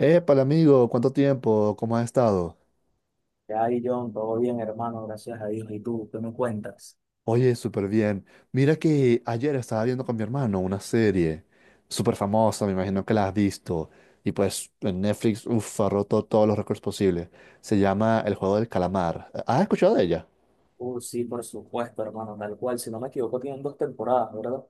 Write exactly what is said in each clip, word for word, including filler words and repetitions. Épale, amigo, ¿cuánto tiempo? ¿Cómo has estado? Ay, John, todo bien, hermano, gracias a Dios. ¿Y tú, qué me cuentas? Oye, súper bien. Mira que ayer estaba viendo con mi hermano una serie súper famosa, me imagino que la has visto. Y pues en Netflix, uff, ha roto todos los récords posibles. Se llama El Juego del Calamar. ¿Has escuchado de ella? Uh, sí, por supuesto, hermano, tal cual. Si no me equivoco, tienen dos temporadas, ¿verdad?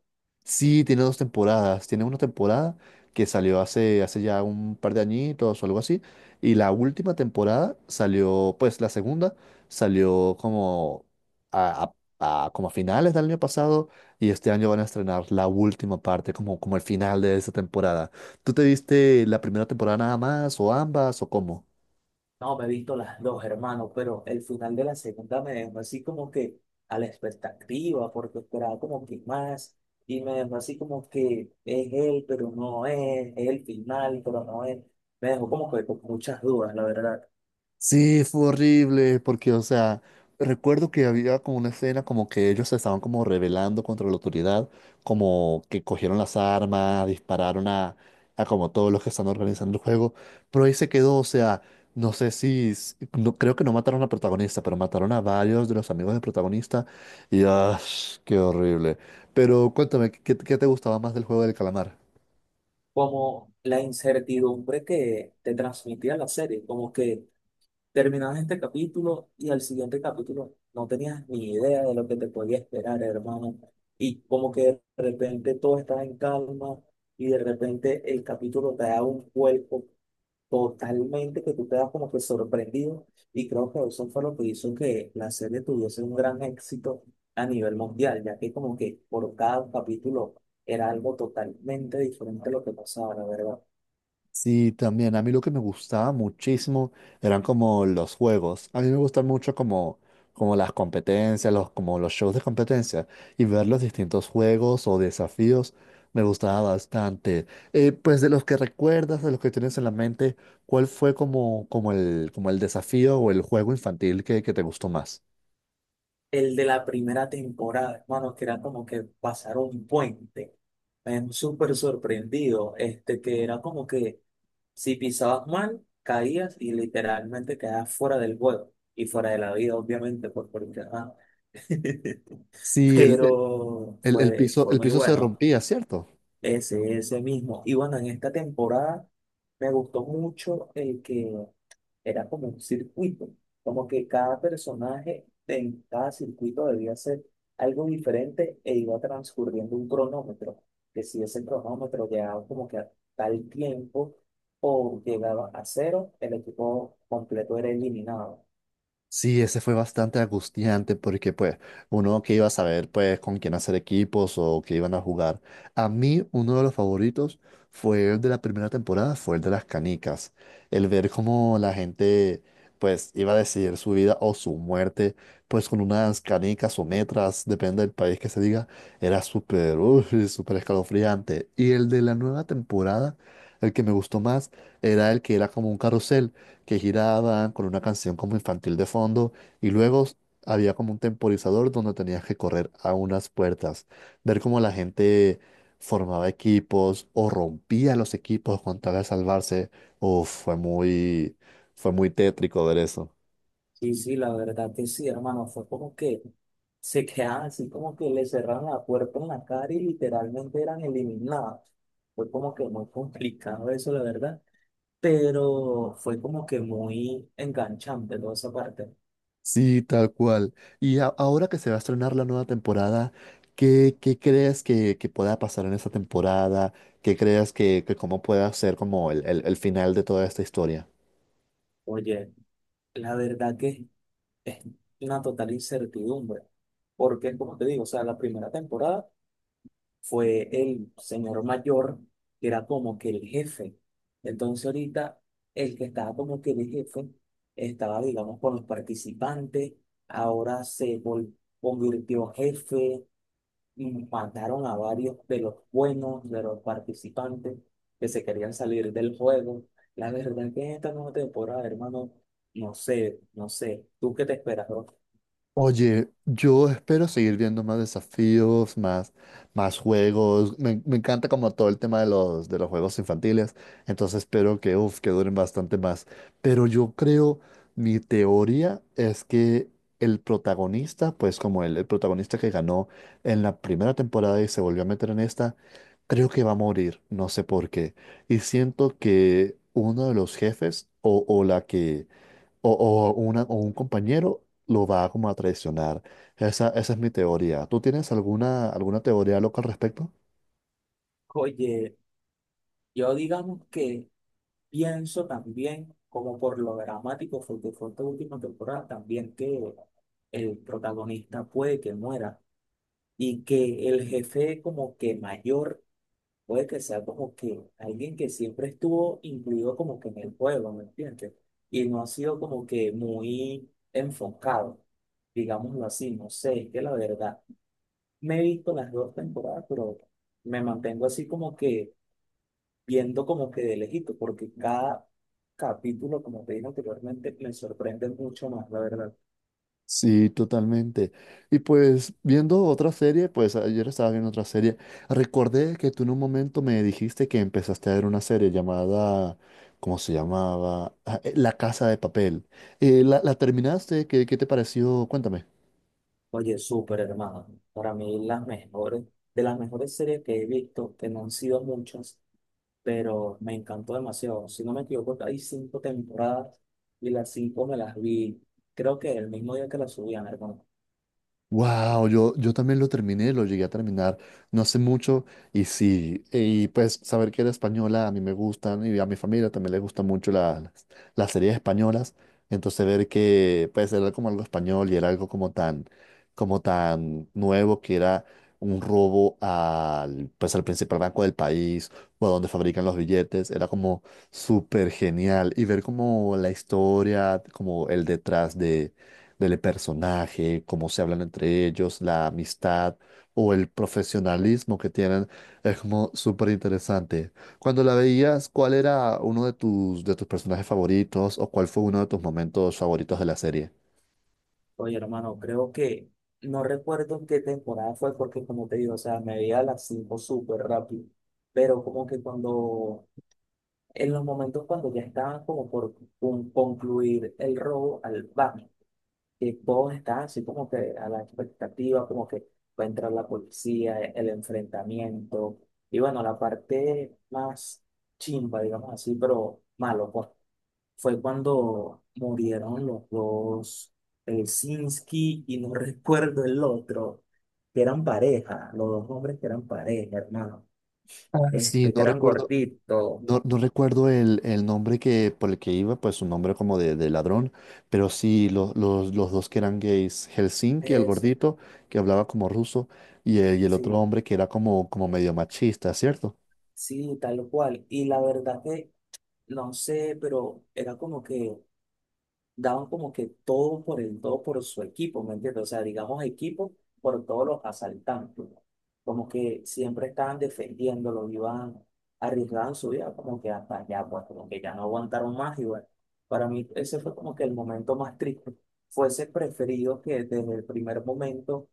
Sí, tiene dos temporadas. Tiene una temporada que salió hace, hace ya un par de añitos o algo así. Y la última temporada salió, pues la segunda salió como a, a- a- como a finales del año pasado. Y este año van a estrenar la última parte, como, como el final de esa temporada. ¿Tú te viste la primera temporada nada más, o ambas, o cómo? No, me he visto las dos, hermano, pero el final de la segunda me dejó así como que a la expectativa, porque esperaba como que más, y me dejó así como que es él, pero no es, es el final, pero no es. Me dejó como que con muchas dudas, la verdad. Sí, fue horrible, porque, o sea, recuerdo que había como una escena como que ellos se estaban como rebelando contra la autoridad, como que cogieron las armas, dispararon a, a como todos los que están organizando el juego, pero ahí se quedó, o sea, no sé si, s- no, creo que no mataron al protagonista, pero mataron a varios de los amigos del protagonista, y ¡ah! Qué horrible. Pero cuéntame, ¿qué, qué te gustaba más del juego del calamar? Como la incertidumbre que te transmitía la serie, como que. Terminabas este capítulo y al siguiente capítulo no tenías ni idea de lo que te podía esperar, hermano. Y como que de repente todo estaba en calma y de repente el capítulo te da un cuerpo totalmente que tú te das como que sorprendido. Y creo que eso fue lo que hizo que la serie tuviese un gran éxito a nivel mundial, ya que como que por cada capítulo era algo totalmente diferente a lo que pasaba, la verdad. Sí, también. A mí lo que me gustaba muchísimo eran como los juegos. A mí me gustan mucho como, como las competencias, los, como los shows de competencia y ver los distintos juegos o desafíos me gustaba bastante. Eh, pues de los que recuerdas, de los que tienes en la mente, ¿cuál fue como, como el, como el desafío o el juego infantil que, que te gustó más? El de la primera temporada, hermano, que era como que pasar un puente. Me súper sorprendido, este, que era como que si pisabas mal, caías y literalmente quedabas fuera del juego y fuera de la vida, obviamente, por porque... ah. Sí, el, Pero el, el fue, piso, fue el muy piso se bueno rompía, ¿cierto? ese, ese mismo. Y bueno, en esta temporada me gustó mucho el que era como un circuito, como que cada personaje en cada circuito debía hacer algo diferente e iba transcurriendo un cronómetro, que si ese cronómetro llegaba como que a tal tiempo o llegaba a cero, el equipo completo era eliminado. Sí, ese fue bastante angustiante porque pues uno que iba a saber pues con quién hacer equipos o que iban a jugar. A mí uno de los favoritos fue el de la primera temporada, fue el de las canicas. El ver cómo la gente pues iba a decidir su vida o su muerte pues con unas canicas o metras, depende del país que se diga, era súper, uy, súper escalofriante. Y el de la nueva temporada, el que me gustó más era el que era como un carrusel que giraban con una canción como infantil de fondo y luego s- había como un temporizador donde tenías que correr a unas puertas, ver cómo la gente formaba equipos o rompía los equipos con tal de salvarse. Uf, fue muy, fue muy tétrico ver eso. Sí, sí, la verdad que sí, hermano, fue como que se quedaban así como que le cerraron la puerta en la cara y literalmente eran eliminados. Fue como que muy complicado eso, la verdad. Pero fue como que muy enganchante toda esa parte. Sí, tal cual. Y a- ahora que se va a estrenar la nueva temporada, ¿qué, qué crees que, que pueda pasar en esta temporada? ¿Qué crees que, que cómo pueda ser como el, el el final de toda esta historia? Oye, la verdad que es una total incertidumbre, porque como te digo, o sea, la primera temporada fue el señor mayor que era como que el jefe. Entonces ahorita el que estaba como que el jefe estaba, digamos, con los participantes, ahora se vol- convirtió jefe, y mataron a varios de los buenos, de los participantes que se querían salir del juego. La verdad que en esta nueva temporada, hermano, no sé, no sé, ¿tú qué te esperas, bro? Oye, yo espero seguir viendo más desafíos, más, más juegos. Me, me encanta como todo el tema de los, de los juegos infantiles. Entonces espero que, uf, que duren bastante más. Pero yo creo, mi teoría es que el protagonista, pues como el, el protagonista que ganó en la primera temporada y se volvió a meter en esta, creo que va a morir. No sé por qué. Y siento que uno de los jefes o, o la que o, o una, o un compañero lo va como a traicionar. Esa, esa es mi teoría. ¿Tú tienes alguna, alguna teoría loca al respecto? Oye, yo digamos que pienso también, como por lo dramático fue que fue esta última temporada, también que el protagonista puede que muera y que el jefe como que mayor puede que sea como que alguien que siempre estuvo incluido como que en el juego, ¿me entiendes? Y no ha sido como que muy enfocado, digámoslo así, no sé, es que la verdad, me he visto las dos temporadas, pero me mantengo así como que viendo como que de lejito, porque cada capítulo, como te dije anteriormente, me sorprende mucho más, la verdad. Sí, totalmente. Y pues viendo otra serie, pues ayer estaba viendo otra serie, recordé que tú en un momento me dijiste que empezaste a ver una serie llamada, ¿cómo se llamaba? Ah, eh, La Casa de Papel. Eh, ¿la, la terminaste? ¿Qué, qué te pareció? Cuéntame. Oye, súper hermano. Para mí las mejores, de las mejores series que he visto, que no han sido muchas, pero me encantó demasiado. Si no me equivoco, hay cinco temporadas y las cinco me las vi, creo que el mismo día que las subían, hermano. Wow, yo, yo también lo terminé, lo llegué a terminar no hace mucho y sí, y pues saber que era española a mí me gustan y a mi familia también le gustan mucho la- las, las series españolas, entonces ver que pues era como algo español y era algo como tan, como tan nuevo que era un robo al, pues al principal banco del país o a donde fabrican los billetes, era como súper genial y ver como la historia, como el detrás del personaje, cómo se hablan entre ellos, la amistad o el profesionalismo que tienen, es como súper interesante. Cuando la veías, ¿cuál era uno de tus, de tus personajes favoritos o cuál fue uno de tus momentos favoritos de la serie? Oye, hermano, creo que no recuerdo qué temporada fue porque, como te digo, o sea, me veía las cinco súper rápido, pero como que cuando, en los momentos cuando ya estaban como por con- concluir el robo al banco. Y todos están así como que a la expectativa, como que va a entrar la policía, e- el enfrentamiento. Y bueno, la parte más chimba, digamos así, pero malo, pues, fue cuando murieron los dos, el Sinski y no recuerdo el otro, que eran pareja, los dos hombres que eran pareja, hermano, Ah, sí, este, que no eran recuerdo, gorditos. no, no recuerdo el, el nombre que, por el que iba, pues un nombre como de, de ladrón, pero sí, los, los, los dos que eran gays, Helsinki, el Eso, gordito, que hablaba como ruso, y el, y el sí, otro hombre que era como, como medio machista, ¿cierto? sí, tal cual. Y la verdad que, no sé, pero era como que daban como que todo por el, todo por su equipo, ¿me entiendes? O sea, digamos equipo por todos los asaltantes. Como que siempre estaban defendiéndolo, iban, arriesgaban su vida, como que hasta allá, pues como que ya no aguantaron más y bueno, para mí ese fue como que el momento más triste. Fuese preferido que desde el primer momento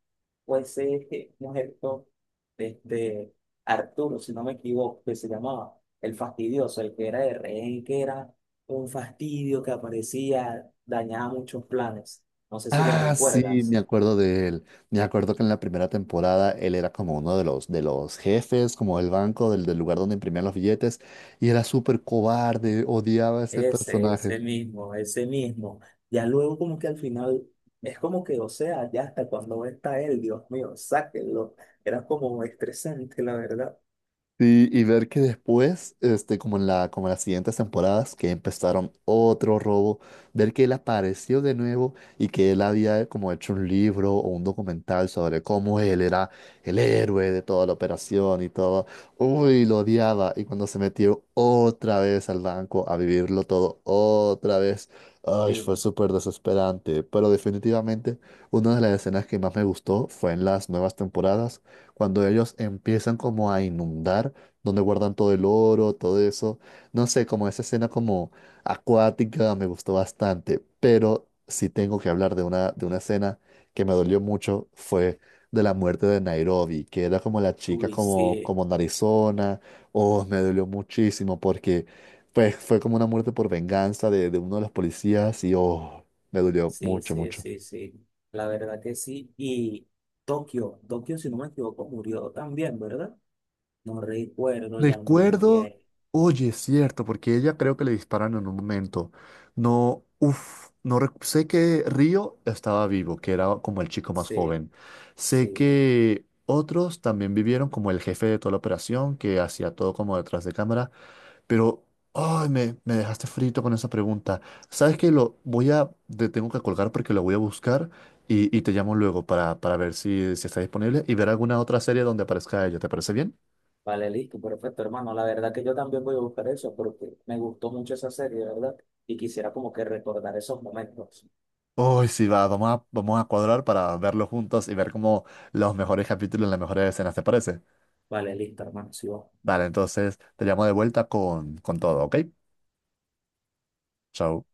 fuese este muerto, este Arturo, si no me equivoco, que se llamaba el fastidioso, el que era de rehén, que era un fastidio que aparecía, dañaba muchos planes. No sé si lo Ah, sí, me recuerdas. acuerdo de él. Me acuerdo que en la primera temporada él era como uno de los, de los jefes, como del banco, del, del lugar donde imprimían los billetes, y era súper cobarde, odiaba a ese Ese, personaje. ese mismo, ese mismo. Ya luego como que al final, es como que, o sea, ya hasta cuando está él, Dios mío, sáquenlo. Era como estresante, la verdad. Sí, y ver que después, este, como en la, como en las siguientes temporadas, que empezaron otro robo, ver que él apareció de nuevo y que él había como hecho un libro o un documental sobre cómo él era el héroe de toda la operación y todo. Uy, lo odiaba. Y cuando se metió otra vez al banco a vivirlo todo otra vez, Sí. ay, fue súper desesperante. Pero definitivamente una de las escenas que más me gustó fue en las nuevas temporadas cuando ellos empiezan como a inundar, donde guardan todo el oro, todo eso. No sé, como esa escena como acuática me gustó bastante, pero si tengo que hablar de una, de una escena que me dolió mucho, fue de la muerte de Nairobi, que era como la chica Uy, como, sí, como narizona, oh, me dolió muchísimo porque pues fue como una muerte por venganza de, de uno de los policías y oh, me dolió sí, mucho, sí, mucho. sí, sí. La verdad que sí. Y Tokio, Tokio, si no me equivoco, murió también, ¿verdad? No recuerdo ya muy Recuerdo, bien. oye, es cierto, porque ella creo que le disparan en un momento. No, uff, no rec- sé que Río estaba vivo, que era como el chico más Sí, joven. Sé sí. que otros también vivieron como el jefe de toda la operación, que hacía todo como detrás de cámara, pero ay, me, me dejaste frito con esa pregunta. ¿Sabes Sí. que lo voy a, te tengo que colgar porque lo voy a buscar y, y te llamo luego para, para ver si, si está disponible y ver alguna otra serie donde aparezca ella? ¿Te parece bien? Vale, listo, perfecto, hermano. La verdad que yo también voy a buscar eso porque me gustó mucho esa serie, ¿verdad? Y quisiera como que recordar esos momentos. Uy, sí, va, vamos a, vamos a cuadrar para verlo juntos y ver como los mejores capítulos, las mejores escenas, ¿te parece? Vale, listo, hermano. Sí, vamos. Vale, entonces te llamo de vuelta con, con todo, ¿ok? Chao.